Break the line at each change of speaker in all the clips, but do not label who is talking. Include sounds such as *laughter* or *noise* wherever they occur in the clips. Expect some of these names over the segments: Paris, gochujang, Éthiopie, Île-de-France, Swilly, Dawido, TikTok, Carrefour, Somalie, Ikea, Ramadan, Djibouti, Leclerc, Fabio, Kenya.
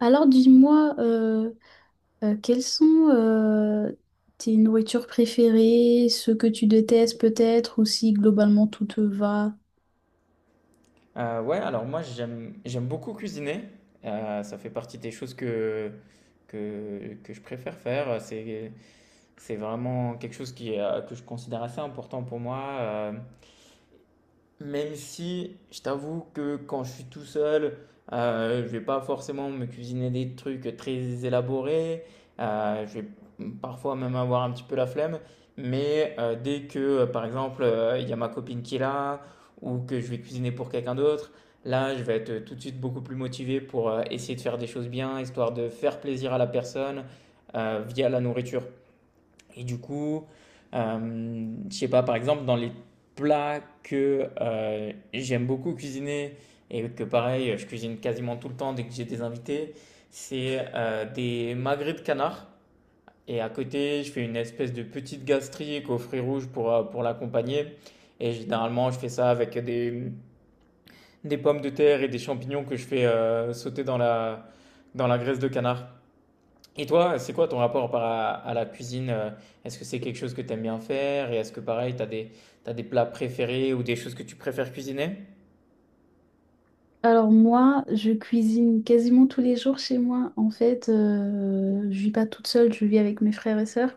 Alors dis-moi, quelles sont tes nourritures préférées, ce que tu détestes peut-être, ou si globalement tout te va?
Ouais, alors moi j'aime beaucoup cuisiner. Ça fait partie des choses que je préfère faire. C'est vraiment quelque chose qui est que je considère assez important pour moi. Même si je t'avoue que quand je suis tout seul, je vais pas forcément me cuisiner des trucs très élaborés. Je vais parfois même avoir un petit peu la flemme. Mais dès que, par exemple, il y a ma copine qui est là ou que je vais cuisiner pour quelqu'un d'autre, là, je vais être tout de suite beaucoup plus motivé pour essayer de faire des choses bien, histoire de faire plaisir à la personne via la nourriture. Et du coup, je sais pas, par exemple, dans les plats que j'aime beaucoup cuisiner et que pareil, je cuisine quasiment tout le temps dès que j'ai des invités, c'est des magrets de canard. Et à côté, je fais une espèce de petite gastrique aux fruits rouges pour l'accompagner. Et généralement, je fais ça avec des pommes de terre et des champignons que je fais sauter dans dans la graisse de canard. Et toi, c'est quoi ton rapport à la cuisine? Est-ce que c'est quelque chose que tu aimes bien faire? Et est-ce que pareil, t'as des plats préférés ou des choses que tu préfères cuisiner?
Alors moi, je cuisine quasiment tous les jours chez moi. En fait, je vis pas toute seule, je vis avec mes frères et sœurs.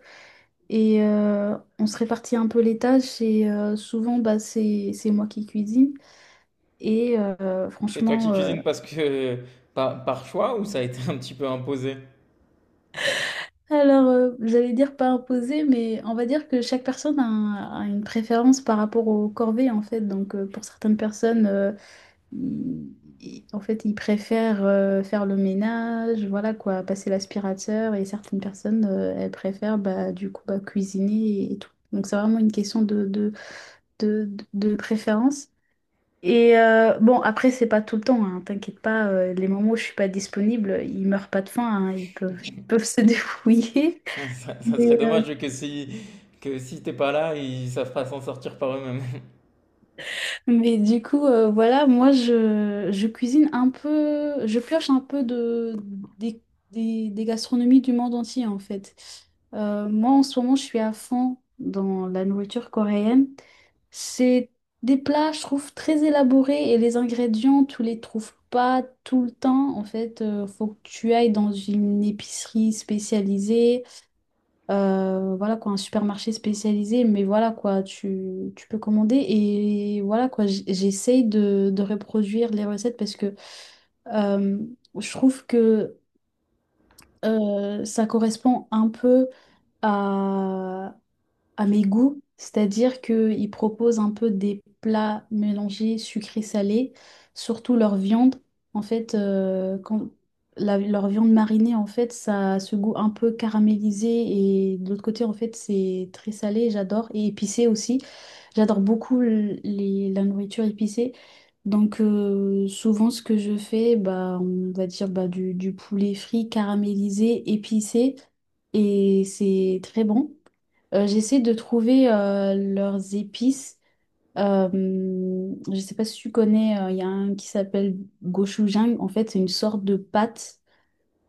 Et on se répartit un peu les tâches et souvent bah, c'est moi qui cuisine. Et
C'est toi qui cuisines parce que par choix ou ça a été un petit peu imposé?
alors, j'allais dire pas imposé, mais on va dire que chaque personne a, a une préférence par rapport aux corvées, en fait. Donc, pour certaines personnes, ils- en fait, ils préfèrent faire le ménage, voilà quoi, passer l'aspirateur, et certaines personnes, elles préfèrent bah, du coup bah, cuisiner et tout. Donc, c'est vraiment une question de préférence. Et bon, après, c'est pas tout le temps, hein, t'inquiète pas, les moments où je suis pas disponible, ils meurent pas de faim, hein, ils peuvent se *laughs* débrouiller.
*laughs* Ça serait dommage que si t'es pas là, ils savent pas s'en sortir par eux-mêmes.
Mais du coup, voilà, moi, je cuisine un peu, je pioche un peu des, des gastronomies du monde entier, en fait. Moi, en ce moment, je suis à fond dans la nourriture coréenne. C'est des plats, je trouve, très élaborés et les ingrédients, tu les trouves pas tout le temps. En fait, faut que tu ailles dans une épicerie spécialisée. Voilà quoi, un supermarché spécialisé, mais voilà quoi, tu peux commander et voilà quoi, j'essaye de reproduire les recettes parce que euh, je trouve que ça correspond un peu à, à mes goûts, c'est-à-dire qu'ils proposent un peu des plats mélangés sucré-salé, surtout leur viande. En fait, quand leur viande marinée, en fait, ça a ce goût un peu caramélisé et de l'autre côté, en fait, c'est très salé, j'adore, et épicé aussi. J'adore beaucoup la nourriture épicée. Donc souvent ce que je fais, bah, on va dire bah, du poulet frit caramélisé, épicé, et c'est très bon. J'essaie de trouver leurs épices. Je sais pas si tu connais, il y a un qui s'appelle gochujang. En fait, c'est une sorte de pâte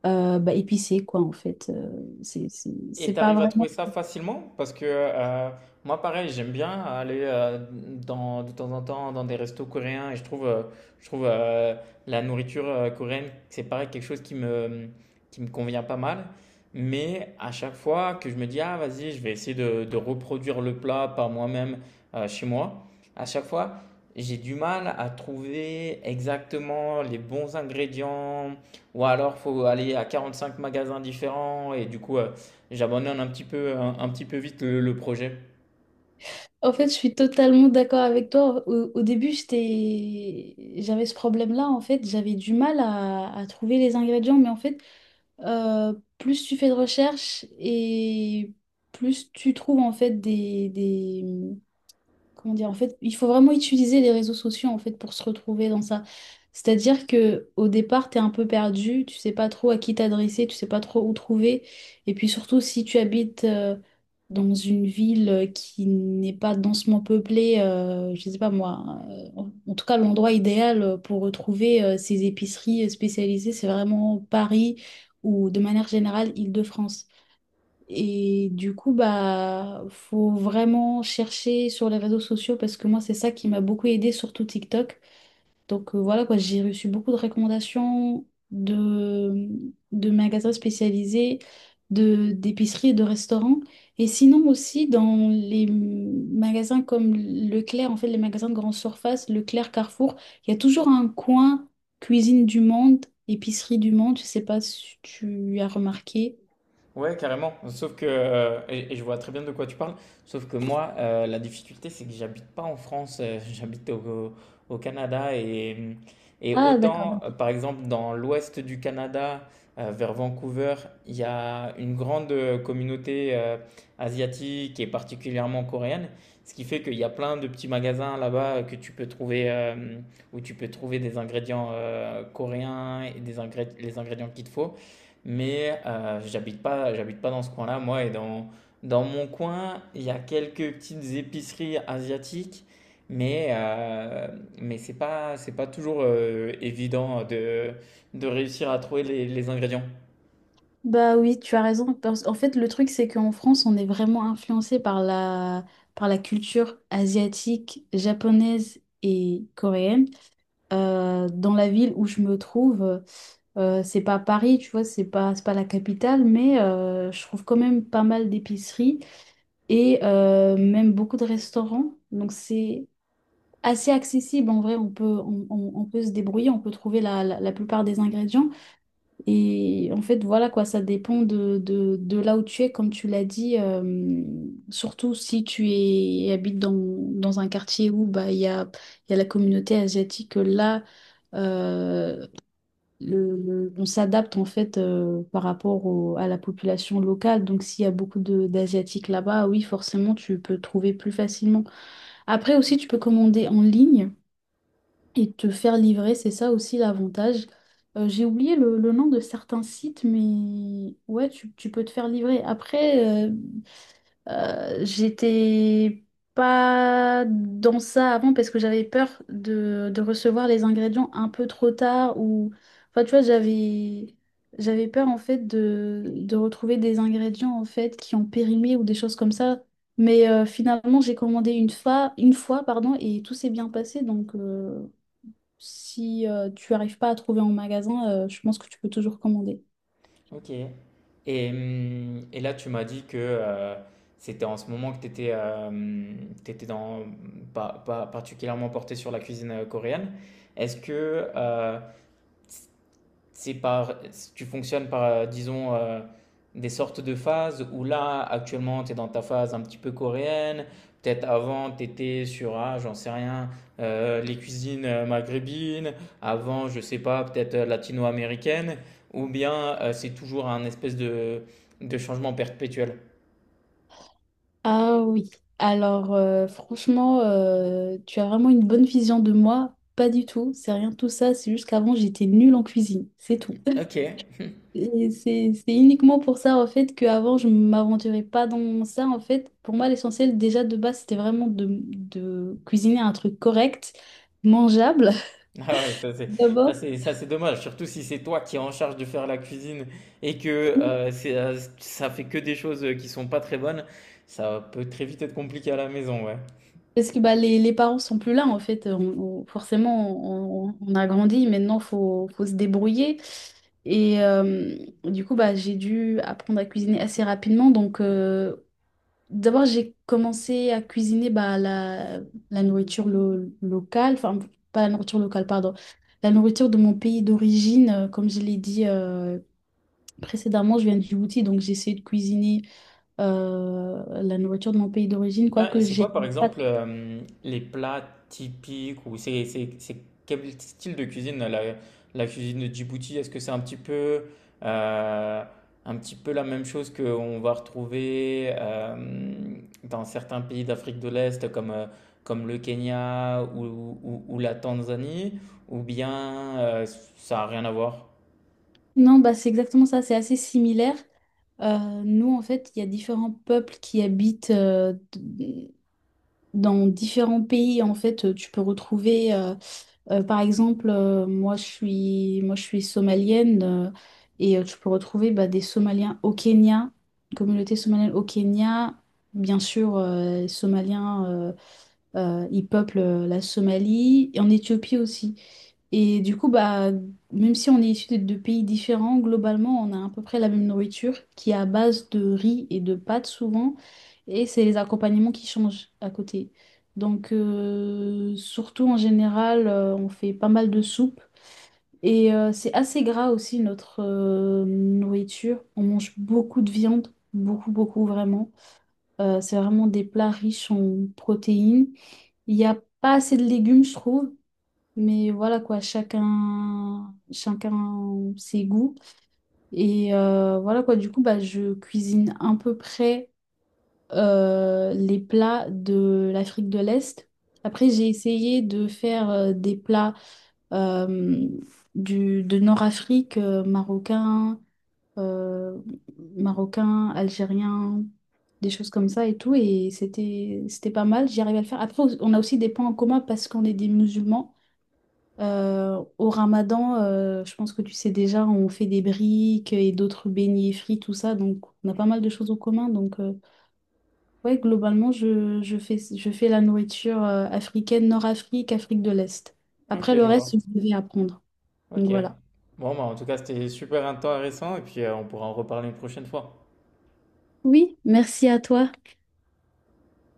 bah, épicée, quoi, en fait.
Et
C'est pas
t'arrives à trouver
vraiment...
ça facilement? Parce que moi, pareil, j'aime bien aller dans, de temps en temps dans des restos coréens et je trouve la nourriture coréenne, c'est pareil, quelque chose qui me convient pas mal. Mais à chaque fois que je me dis, ah, vas-y, je vais essayer de reproduire le plat par moi-même chez moi, à chaque fois, j'ai du mal à trouver exactement les bons ingrédients ou alors faut aller à 45 magasins différents et du coup. J'abandonne un petit peu, un petit peu vite le projet.
En fait, je suis totalement d'accord avec toi. Au début, j'étais... j'avais ce problème-là, en fait. J'avais du mal à trouver les ingrédients, mais en fait, euh, plus tu fais de recherche et plus tu trouves, en fait, des... comment dire, en fait, il faut vraiment utiliser les réseaux sociaux en fait pour se retrouver dans ça. C'est-à-dire que au départ, t'es un peu perdu, tu sais pas trop à qui t'adresser, tu sais pas trop où trouver. Et puis surtout, si tu habites dans une ville qui n'est pas densement peuplée, je sais pas moi, euh, en tout cas l'endroit idéal pour retrouver ces épiceries spécialisées, c'est vraiment Paris ou de manière générale Île-de-France. Et du coup, bah, faut vraiment chercher sur les réseaux sociaux parce que moi, c'est ça qui m'a beaucoup aidé, surtout TikTok. Donc voilà quoi, j'ai reçu beaucoup de recommandations de, de magasins spécialisés, d'épiceries et de restaurants. Et sinon aussi dans les magasins comme Leclerc, en fait, les magasins de grande surface, Leclerc, Carrefour, il y a toujours un coin cuisine du monde, épicerie du monde. Je sais pas si tu as remarqué.
Ouais, carrément. Sauf que, et je vois très bien de quoi tu parles, sauf que moi, la difficulté, c'est que j'habite pas en France, *laughs* au Canada. Et
Ah, d'accord.
autant, par exemple, dans l'ouest du Canada, vers Vancouver, il y a une grande communauté asiatique et particulièrement coréenne, ce qui fait qu'il y a plein de petits magasins là-bas que tu peux trouver, où tu peux trouver des ingrédients coréens et des les ingrédients qu'il te faut. Mais j'habite pas dans ce coin-là, moi. Et dans, dans mon coin, il y a quelques petites épiceries asiatiques, mais, mais c'est pas toujours évident de réussir à trouver les ingrédients.
Bah oui, tu as raison. En fait, le truc, c'est qu'en France, on est vraiment influencé par la culture asiatique, japonaise et coréenne. Dans la ville où je me trouve, c'est pas Paris, tu vois, c'est pas la capitale, mais je trouve quand même pas mal d'épiceries et même beaucoup de restaurants. Donc c'est assez accessible en vrai, on peut se débrouiller, on peut trouver la, la plupart des ingrédients. Et en fait, voilà quoi, ça dépend de là où tu es, comme tu l'as dit, surtout si habites dans un quartier où bah, il y a la communauté asiatique, là, euh, on s'adapte en fait par rapport à la population locale. Donc s'il y a beaucoup d'Asiatiques là-bas, oui, forcément, tu peux trouver plus facilement. Après aussi, tu peux commander en ligne et te faire livrer, c'est ça aussi l'avantage. J'ai oublié le nom de certains sites, mais ouais, tu peux te faire livrer. Après, j'étais pas dans ça avant parce que j'avais peur de recevoir les ingrédients un peu trop tard ou... Enfin, tu vois, j'avais... J'avais peur en fait de retrouver des ingrédients en fait qui ont périmé ou des choses comme ça. Mais finalement, j'ai commandé une fois pardon, et tout s'est bien passé. Donc, si tu arrives pas à trouver en magasin, je pense que tu peux toujours commander.
Ok. Et là, tu m'as dit que c'était en ce moment que tu étais, dans, pas particulièrement porté sur la cuisine coréenne. Est-ce que c'est tu fonctionnes par, disons, des sortes de phases où là, actuellement, tu es dans ta phase un petit peu coréenne. Peut-être avant, tu étais sur, ah, j'en sais rien, les cuisines maghrébines. Avant, je sais pas, peut-être latino-américaine. Ou bien c'est toujours un espèce de changement perpétuel.
Ah oui. Alors tu as vraiment une bonne vision de moi. Pas du tout, c'est rien de tout ça, c'est juste qu'avant j'étais nulle en cuisine, c'est tout.
Ok.
*laughs* Et c'est uniquement pour ça en fait qu'avant je m'aventurais pas dans ça en fait. Pour moi l'essentiel déjà de base c'était vraiment de cuisiner un truc correct, mangeable
*laughs* Ah ouais, ça c'est
*laughs*
ça
d'abord.
c'est ça c'est dommage, surtout si c'est toi qui es en charge de faire la cuisine et que c'est ça fait que des choses qui sont pas très bonnes, ça peut très vite être compliqué à la maison, ouais.
Parce que bah, les parents sont plus là, en fait. Forcément, on a grandi, maintenant, faut se débrouiller. Et du coup, bah, j'ai dû apprendre à cuisiner assez rapidement. Donc, d'abord, j'ai commencé à cuisiner bah, la, locale, enfin, pas la nourriture locale, pardon, la nourriture de mon pays d'origine. Comme je l'ai dit précédemment, je viens de Djibouti, donc j'ai essayé de cuisiner la nourriture de mon pays d'origine,
Ah, et
quoique
c'est
j'aime
quoi, par
pas.
exemple, les plats typiques ou c'est quel style de cuisine la cuisine de Djibouti? Est-ce que c'est euh, un petit peu la même chose qu'on va retrouver dans certains pays d'Afrique de l'Est comme comme le Kenya ou, ou la Tanzanie ou bien ça a rien à voir?
Non, bah, c'est exactement ça, c'est assez similaire. Euh, Nous, en fait, il y a différents peuples qui habitent dans différents pays. En fait, tu peux retrouver, par exemple, moi, je suis somalienne et tu peux retrouver bah, des Somaliens au Kenya, une communauté somalienne au Kenya, bien sûr, Somaliens. Ils peuplent la Somalie et en Éthiopie aussi. Et du coup, bah, même si on est issu de pays différents, globalement, on a à peu près la même nourriture qui est à base de riz et de pâtes souvent. Et c'est les accompagnements qui changent à côté. Donc, surtout en général, on fait pas mal de soupes. Et c'est assez gras aussi notre nourriture. On mange beaucoup de viande, beaucoup, beaucoup vraiment. C'est vraiment des plats riches en protéines. Il n'y a pas assez de légumes, je trouve. Mais voilà quoi, chacun, chacun ses goûts. Et voilà quoi, du coup, bah, je cuisine à peu près les plats de l'Afrique de l'Est. Après, j'ai essayé de faire des plats euh, de Nord-Afrique, euh, marocain, algérien, des choses comme ça et tout. Et c'était pas mal, j'y arrivais à le faire. Après, on a aussi des points en commun parce qu'on est des musulmans. Au Ramadan, je pense que tu sais déjà, on fait des briques et d'autres beignets frits, tout ça. Donc, on a pas mal de choses en commun. Donc, ouais, globalement, je fais la nourriture africaine, Nord-Afrique, Afrique de l'Est.
Ok,
Après, le
je
reste,
vois.
je devais apprendre. Donc,
Ok.
voilà.
Bon, bah, en tout cas, c'était super intéressant et puis on pourra en reparler une prochaine fois.
Oui, merci à toi.